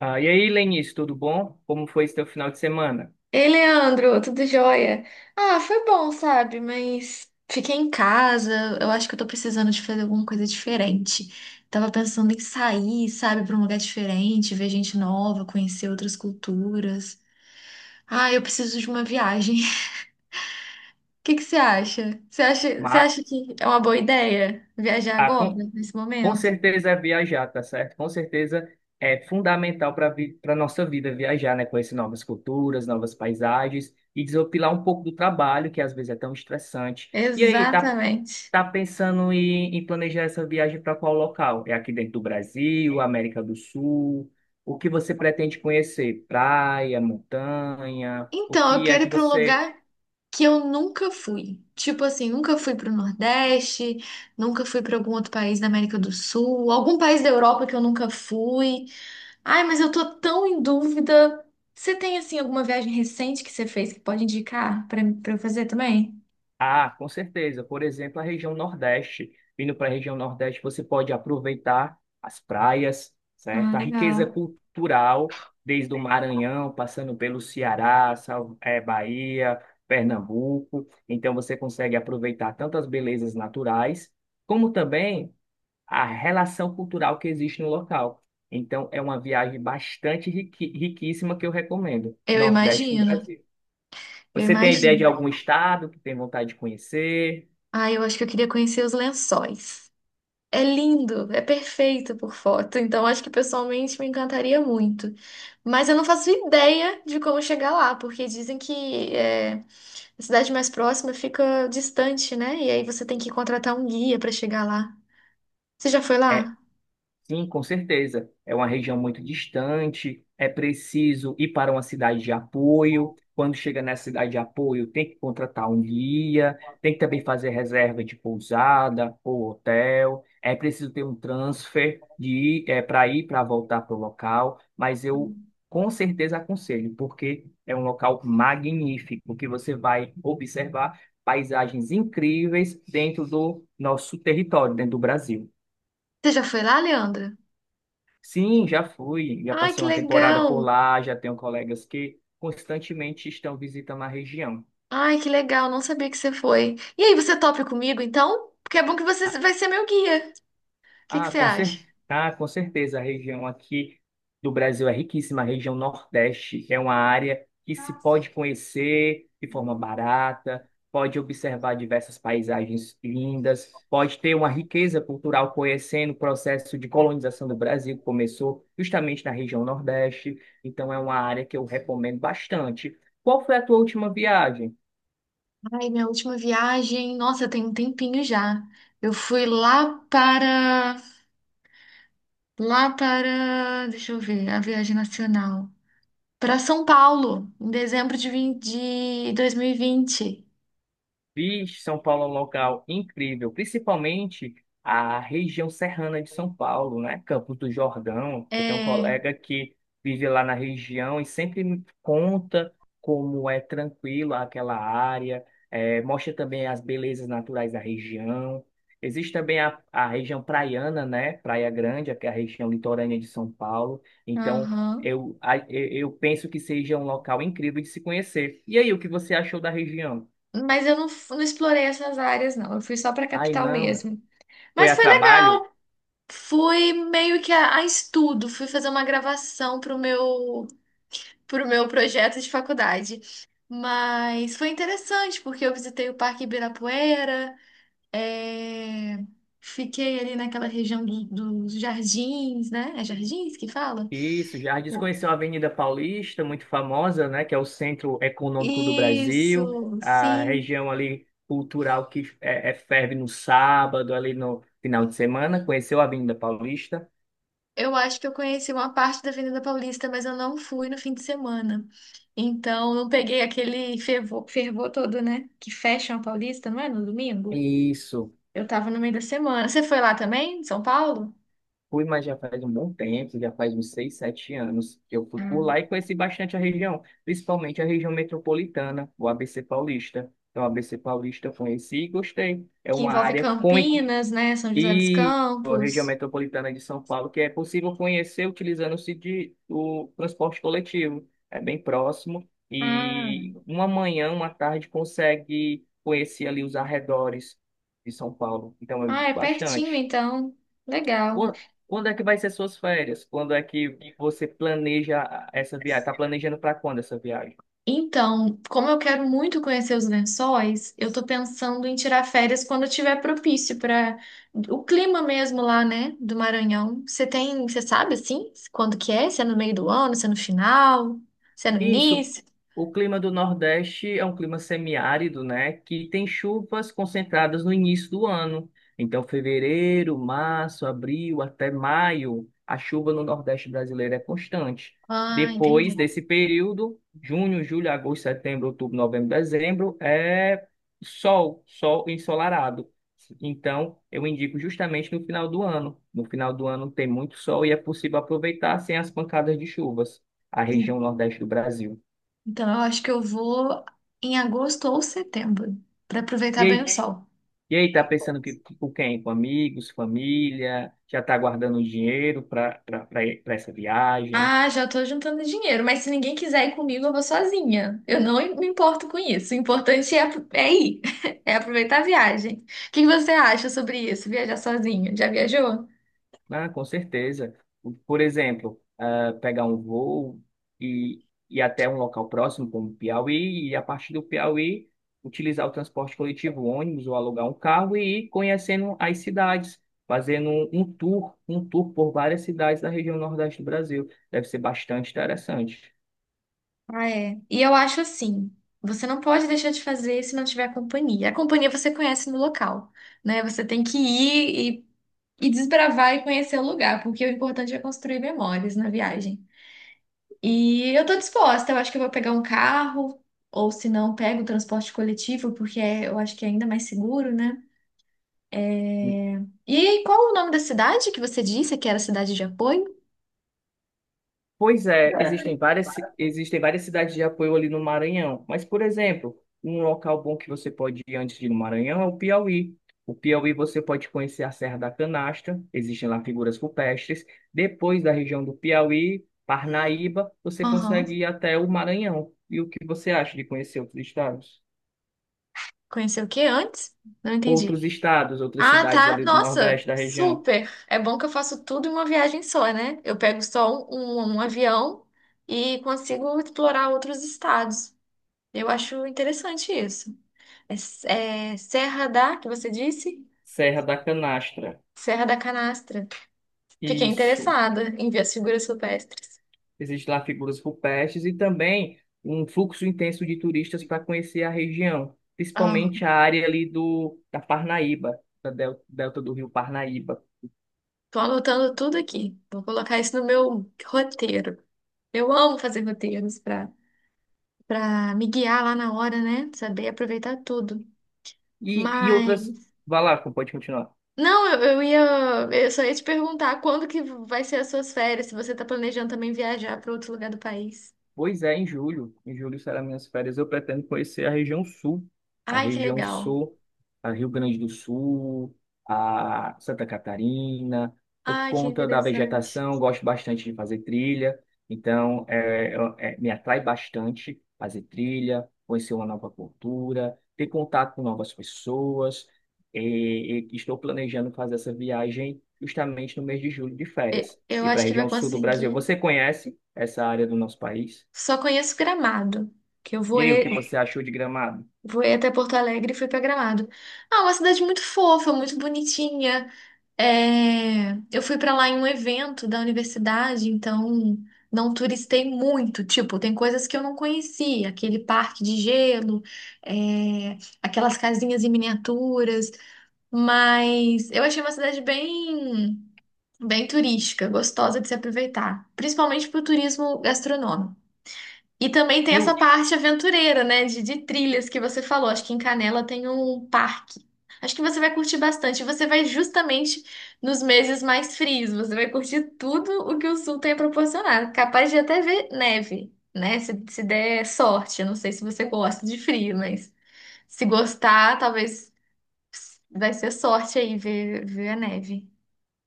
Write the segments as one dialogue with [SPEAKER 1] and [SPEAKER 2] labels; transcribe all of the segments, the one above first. [SPEAKER 1] Ah, e aí, Lenice, tudo bom? Como foi seu final de semana?
[SPEAKER 2] Ei, Leandro, tudo jóia? Ah, foi bom, sabe? Mas fiquei em casa. Eu acho que eu tô precisando de fazer alguma coisa diferente. Tava pensando em sair, sabe, pra um lugar diferente, ver gente nova, conhecer outras culturas. Ah, eu preciso de uma viagem. O que que Você acha, você
[SPEAKER 1] Ma-
[SPEAKER 2] acha que é uma boa ideia viajar
[SPEAKER 1] ah,
[SPEAKER 2] agora,
[SPEAKER 1] com,
[SPEAKER 2] nesse
[SPEAKER 1] com
[SPEAKER 2] momento?
[SPEAKER 1] certeza é viajar, tá certo? Com certeza é fundamental para nossa vida viajar, né? Conhecer novas culturas, novas paisagens e desopilar um pouco do trabalho, que às vezes é tão estressante. E aí, tá,
[SPEAKER 2] Exatamente.
[SPEAKER 1] tá pensando em planejar essa viagem para qual local? É aqui dentro do Brasil, América do Sul? O que você pretende conhecer? Praia, montanha? O
[SPEAKER 2] Então, eu
[SPEAKER 1] que é
[SPEAKER 2] quero ir
[SPEAKER 1] que
[SPEAKER 2] para um
[SPEAKER 1] você.
[SPEAKER 2] lugar que eu nunca fui. Tipo assim, nunca fui para o Nordeste, nunca fui para algum outro país da América do Sul, algum país da Europa que eu nunca fui. Ai, mas eu tô tão em dúvida. Você tem assim alguma viagem recente que você fez que pode indicar para eu fazer também?
[SPEAKER 1] Ah, com certeza. Por exemplo, a região Nordeste. Vindo para a região Nordeste, você pode aproveitar as praias, certo?
[SPEAKER 2] Ah,
[SPEAKER 1] A riqueza
[SPEAKER 2] legal.
[SPEAKER 1] cultural, desde o Maranhão, passando pelo Ceará, Bahia, Pernambuco. Então, você consegue aproveitar tanto as belezas naturais, como também a relação cultural que existe no local. Então, é uma viagem bastante riquíssima que eu recomendo.
[SPEAKER 2] Eu
[SPEAKER 1] Nordeste do
[SPEAKER 2] imagino.
[SPEAKER 1] Brasil.
[SPEAKER 2] Eu
[SPEAKER 1] Você tem ideia
[SPEAKER 2] imagino.
[SPEAKER 1] de algum estado que tem vontade de conhecer?
[SPEAKER 2] Ah, eu acho que eu queria conhecer os lençóis. É lindo, é perfeito por foto, então acho que pessoalmente me encantaria muito. Mas eu não faço ideia de como chegar lá, porque dizem que é, a cidade mais próxima fica distante, né? E aí você tem que contratar um guia para chegar lá. Você já foi
[SPEAKER 1] É,
[SPEAKER 2] lá?
[SPEAKER 1] sim, com certeza. É uma região muito distante, é preciso ir para uma cidade de apoio. Quando chega nessa cidade de apoio, tem que contratar um guia, tem que também fazer reserva de pousada ou hotel. É preciso ter um transfer de ir, é, para ir para voltar para o local, mas eu com certeza aconselho, porque é um local magnífico que você vai observar paisagens incríveis dentro do nosso território, dentro do Brasil.
[SPEAKER 2] Você já foi lá, Leandra?
[SPEAKER 1] Sim, já fui, já
[SPEAKER 2] Ai,
[SPEAKER 1] passei
[SPEAKER 2] que
[SPEAKER 1] uma temporada
[SPEAKER 2] legal!
[SPEAKER 1] por lá, já tenho colegas que constantemente estão visitando a região.
[SPEAKER 2] Ai, que legal, não sabia que você foi. E aí, você topa comigo então? Porque é bom que você vai ser meu guia. O que que você acha?
[SPEAKER 1] Com certeza. A região aqui do Brasil é riquíssima. A região Nordeste é uma área que se pode conhecer de forma barata, pode observar diversas paisagens lindas, pode ter uma riqueza cultural conhecendo o processo de colonização do Brasil, que começou justamente na região Nordeste. Então, é uma área que eu recomendo bastante. Qual foi a tua última viagem?
[SPEAKER 2] Ai, minha última viagem, nossa, tem um tempinho já. Eu fui lá para, deixa eu ver, a viagem nacional. Para São Paulo, em dezembro de, de 2020.
[SPEAKER 1] Fiz São Paulo é um local incrível, principalmente a região serrana de São Paulo, né? Campos do Jordão. Eu tenho um
[SPEAKER 2] É,
[SPEAKER 1] colega que vive lá na região e sempre me conta como é tranquilo aquela área, mostra também as belezas naturais da região. Existe também a região praiana, né? Praia Grande, que é a região litorânea de São Paulo. Então,
[SPEAKER 2] aham.
[SPEAKER 1] eu, a- eu eu penso que seja um local incrível de se conhecer. E aí, o que você achou da região?
[SPEAKER 2] Mas eu não, não explorei essas áreas, não. Eu fui só para a
[SPEAKER 1] Ai,
[SPEAKER 2] capital
[SPEAKER 1] não.
[SPEAKER 2] mesmo.
[SPEAKER 1] Foi
[SPEAKER 2] Mas
[SPEAKER 1] a
[SPEAKER 2] foi
[SPEAKER 1] trabalho?
[SPEAKER 2] legal. Fui meio que a, estudo, fui fazer uma gravação para o meu pro meu projeto de faculdade. Mas foi interessante, porque eu visitei o Parque Ibirapuera, é, fiquei ali naquela região dos jardins, né? É jardins que fala?
[SPEAKER 1] Isso, Jardim conheceu a Avenida Paulista, muito famosa, né, que é o centro econômico do Brasil,
[SPEAKER 2] Isso,
[SPEAKER 1] a
[SPEAKER 2] sim.
[SPEAKER 1] região ali cultural que é ferve no sábado, ali no final de semana, conheceu a Avenida Paulista.
[SPEAKER 2] Eu acho que eu conheci uma parte da Avenida Paulista, mas eu não fui no fim de semana. Então, não peguei aquele fervor, fervor todo, né? Que fecham a Paulista, não é? No domingo?
[SPEAKER 1] Isso,
[SPEAKER 2] Eu tava no meio da semana. Você foi lá também, em São Paulo?
[SPEAKER 1] fui, mas já faz um bom tempo, já faz uns seis, sete anos que eu fui por lá e conheci bastante a região, principalmente a região metropolitana, o ABC Paulista. Então, a ABC Paulista eu conheci e gostei. É
[SPEAKER 2] Que
[SPEAKER 1] uma
[SPEAKER 2] envolve
[SPEAKER 1] área
[SPEAKER 2] Campinas, né? São José dos
[SPEAKER 1] e a região
[SPEAKER 2] Campos.
[SPEAKER 1] metropolitana de São Paulo, que é possível conhecer utilizando-se de o transporte coletivo. É bem próximo
[SPEAKER 2] Ah,
[SPEAKER 1] e uma manhã, uma tarde consegue conhecer ali os arredores de São Paulo. Então eu
[SPEAKER 2] ah,
[SPEAKER 1] digo
[SPEAKER 2] é pertinho
[SPEAKER 1] bastante.
[SPEAKER 2] então. Legal.
[SPEAKER 1] Quan- Quando é que vai ser suas férias? Quando é que você planeja essa viagem? Está planejando para quando essa viagem?
[SPEAKER 2] Então, como eu quero muito conhecer os Lençóis, eu tô pensando em tirar férias quando tiver propício para o clima mesmo lá, né, do Maranhão. Você tem, você sabe assim, quando que é? Se é no meio do ano, se é no final, se é no
[SPEAKER 1] Isso.
[SPEAKER 2] início?
[SPEAKER 1] O clima do Nordeste é um clima semiárido, né? Que tem chuvas concentradas no início do ano. Então, fevereiro, março, abril, até maio, a chuva no Nordeste brasileiro é constante.
[SPEAKER 2] Ah,
[SPEAKER 1] Depois
[SPEAKER 2] entendi.
[SPEAKER 1] desse período, junho, julho, agosto, setembro, outubro, novembro, dezembro, é sol, sol ensolarado. Então, eu indico justamente no final do ano. No final do ano tem muito sol e é possível aproveitar sem as pancadas de chuvas a região Nordeste do Brasil.
[SPEAKER 2] Então, eu acho que eu vou em agosto ou setembro, para
[SPEAKER 1] E
[SPEAKER 2] aproveitar bem o
[SPEAKER 1] aí,
[SPEAKER 2] sol.
[SPEAKER 1] e aí tá pensando que, com quem? Com amigos, família? Já tá guardando dinheiro para essa viagem?
[SPEAKER 2] Ah, já tô juntando dinheiro, mas se ninguém quiser ir comigo, eu vou sozinha. Eu não me importo com isso. O importante é, é ir, é aproveitar a viagem. O que que você acha sobre isso? Viajar sozinho? Já viajou?
[SPEAKER 1] Ah, com certeza. Por exemplo, ah, pegar um voo e ir até um local próximo, como Piauí, e a partir do Piauí utilizar o transporte coletivo, ônibus ou alugar um carro e ir conhecendo as cidades, fazendo um tour por várias cidades da região Nordeste do Brasil. Deve ser bastante interessante.
[SPEAKER 2] Ah, é. E eu acho assim, você não pode deixar de fazer se não tiver companhia. A companhia você conhece no local, né? Você tem que ir e desbravar e conhecer o lugar, porque o importante é construir memórias na viagem. E eu tô disposta, eu acho que eu vou pegar um carro, ou se não, pego o transporte coletivo, porque eu acho que é ainda mais seguro, né? É, e qual o nome da cidade que você disse que era cidade de apoio?
[SPEAKER 1] Pois é, existem várias cidades de apoio ali no Maranhão, mas, por exemplo, um local bom que você pode ir antes de ir no Maranhão é o Piauí. O Piauí você pode conhecer a Serra da Canastra, existem lá figuras rupestres. Depois da região do Piauí, Parnaíba, você consegue
[SPEAKER 2] Aham.
[SPEAKER 1] ir até o Maranhão. E o que você acha de conhecer outros estados?
[SPEAKER 2] Conheceu o que antes? Não entendi.
[SPEAKER 1] Outros estados, outras
[SPEAKER 2] Ah,
[SPEAKER 1] cidades
[SPEAKER 2] tá.
[SPEAKER 1] ali do
[SPEAKER 2] Nossa,
[SPEAKER 1] Nordeste da região.
[SPEAKER 2] super. É bom que eu faço tudo em uma viagem só, né? Eu pego só um, um avião e consigo explorar outros estados. Eu acho interessante isso. É, é Serra da, que você disse?
[SPEAKER 1] Serra da Canastra.
[SPEAKER 2] Serra da Canastra. Fiquei
[SPEAKER 1] Isso.
[SPEAKER 2] interessada em ver as figuras rupestres.
[SPEAKER 1] Existem lá figuras rupestres e também um fluxo intenso de turistas para conhecer a região,
[SPEAKER 2] Ah,
[SPEAKER 1] principalmente a área ali da Parnaíba, da delta do rio Parnaíba.
[SPEAKER 2] tô anotando tudo aqui. Vou colocar isso no meu roteiro. Eu amo fazer roteiros para para me guiar lá na hora, né? Saber aproveitar tudo.
[SPEAKER 1] E
[SPEAKER 2] Mas
[SPEAKER 1] outras. Vai lá, pode continuar.
[SPEAKER 2] não, eu ia eu só ia te perguntar quando que vai ser as suas férias, se você tá planejando também viajar para outro lugar do país.
[SPEAKER 1] Pois é, em julho. Em julho serão minhas férias. Eu pretendo conhecer a região sul. A
[SPEAKER 2] Ai, que
[SPEAKER 1] região
[SPEAKER 2] legal.
[SPEAKER 1] sul, a Rio Grande do Sul, a Santa Catarina. Por
[SPEAKER 2] Ai, que
[SPEAKER 1] conta da
[SPEAKER 2] interessante.
[SPEAKER 1] vegetação, gosto bastante de fazer trilha. Então, me atrai bastante fazer trilha, conhecer uma nova cultura, ter contato com novas pessoas. E estou planejando fazer essa viagem justamente no mês de julho de férias.
[SPEAKER 2] Eu
[SPEAKER 1] E para a
[SPEAKER 2] acho que
[SPEAKER 1] região
[SPEAKER 2] vai
[SPEAKER 1] sul do Brasil.
[SPEAKER 2] conseguir.
[SPEAKER 1] Você conhece essa área do nosso país?
[SPEAKER 2] Só conheço Gramado, que eu
[SPEAKER 1] E
[SPEAKER 2] vou
[SPEAKER 1] aí, o que você achou de Gramado?
[SPEAKER 2] fui até Porto Alegre e fui pra Gramado. Ah, uma cidade muito fofa, muito bonitinha. É, eu fui pra lá em um evento da universidade, então não turistei muito. Tipo, tem coisas que eu não conhecia, aquele parque de gelo, é, aquelas casinhas em miniaturas. Mas eu achei uma cidade bem, bem turística, gostosa de se aproveitar, principalmente pro turismo gastronômico. E também tem
[SPEAKER 1] E
[SPEAKER 2] essa
[SPEAKER 1] o,
[SPEAKER 2] parte aventureira, né? De trilhas que você falou. Acho que em Canela tem um parque. Acho que você vai curtir bastante. Você vai justamente nos meses mais frios. Você vai curtir tudo o que o sul tem a proporcionar. Capaz de até ver neve, né? Se der sorte. Eu não sei se você gosta de frio, mas se gostar, talvez vai ser sorte aí ver a neve.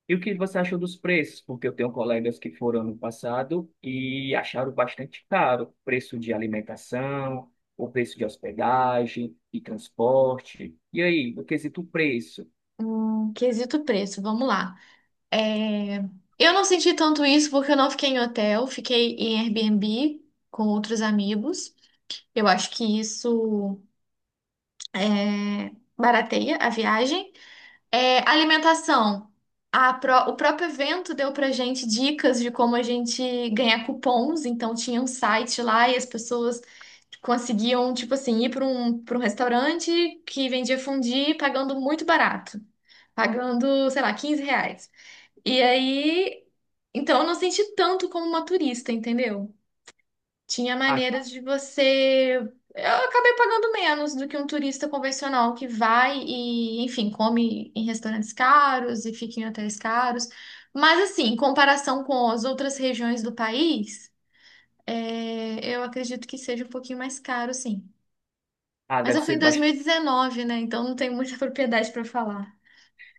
[SPEAKER 1] e o que você achou dos preços? Porque eu tenho colegas que foram no passado e acharam bastante caro o preço de alimentação, o preço de hospedagem e transporte. E aí, no quesito preço,
[SPEAKER 2] Quesito preço, vamos lá. É, eu não senti tanto isso porque eu não fiquei em hotel, fiquei em Airbnb com outros amigos. Eu acho que isso é, barateia a viagem. É, alimentação. O próprio evento deu pra gente dicas de como a gente ganhar cupons. Então tinha um site lá e as pessoas conseguiam, tipo assim, ir para um restaurante que vendia fondue pagando muito barato. Pagando, sei lá, 15 reais. E aí, então eu não senti tanto como uma turista, entendeu? Tinha
[SPEAKER 1] ah,
[SPEAKER 2] maneiras de você. Eu acabei pagando menos do que um turista convencional que vai e, enfim, come em restaurantes caros e fica em hotéis caros. Mas, assim, em comparação com as outras regiões do país, eu acredito que seja um pouquinho mais caro, sim.
[SPEAKER 1] ah,
[SPEAKER 2] Mas
[SPEAKER 1] deve
[SPEAKER 2] eu fui
[SPEAKER 1] ser
[SPEAKER 2] em
[SPEAKER 1] bas-
[SPEAKER 2] 2019, né? Então não tenho muita propriedade para falar.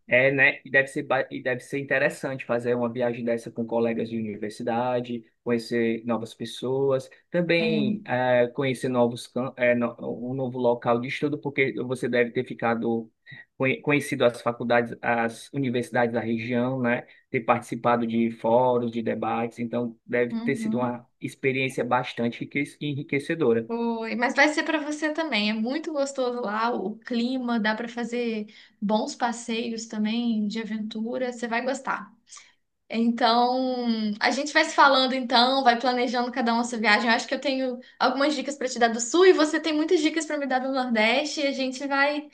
[SPEAKER 1] é, né? E deve ser, e deve ser interessante fazer uma viagem dessa com colegas de universidade, conhecer novas pessoas,
[SPEAKER 2] É,
[SPEAKER 1] também conhecer novos, cam- eh, no- um novo local de estudo, porque você deve ter ficado conhecido as faculdades, as universidades da região, né? Ter participado de fóruns, de debates, então deve ter sido
[SPEAKER 2] uhum.
[SPEAKER 1] uma experiência bastante enriquecedora.
[SPEAKER 2] Foi, mas vai ser para você também. É muito gostoso lá, o clima, dá para fazer bons passeios também de aventura, você vai gostar. Então, a gente vai se falando então, vai planejando cada uma a sua viagem. Eu acho que eu tenho algumas dicas para te dar do Sul e você tem muitas dicas para me dar do Nordeste e a gente vai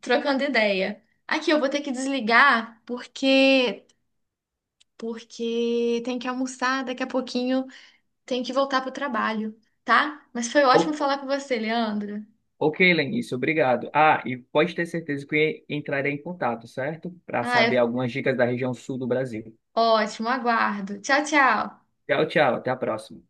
[SPEAKER 2] trocando ideia. Aqui eu vou ter que desligar porque porque tem que almoçar, daqui a pouquinho tem que voltar pro trabalho, tá? Mas foi ótimo falar com você, Leandro.
[SPEAKER 1] Ok, Lenice, obrigado. Ah, e pode ter certeza que entrarei em contato, certo? Para
[SPEAKER 2] Ah,
[SPEAKER 1] saber
[SPEAKER 2] é
[SPEAKER 1] algumas dicas da região sul do Brasil.
[SPEAKER 2] ótimo, aguardo. Tchau, tchau.
[SPEAKER 1] Tchau, tchau, até a próxima.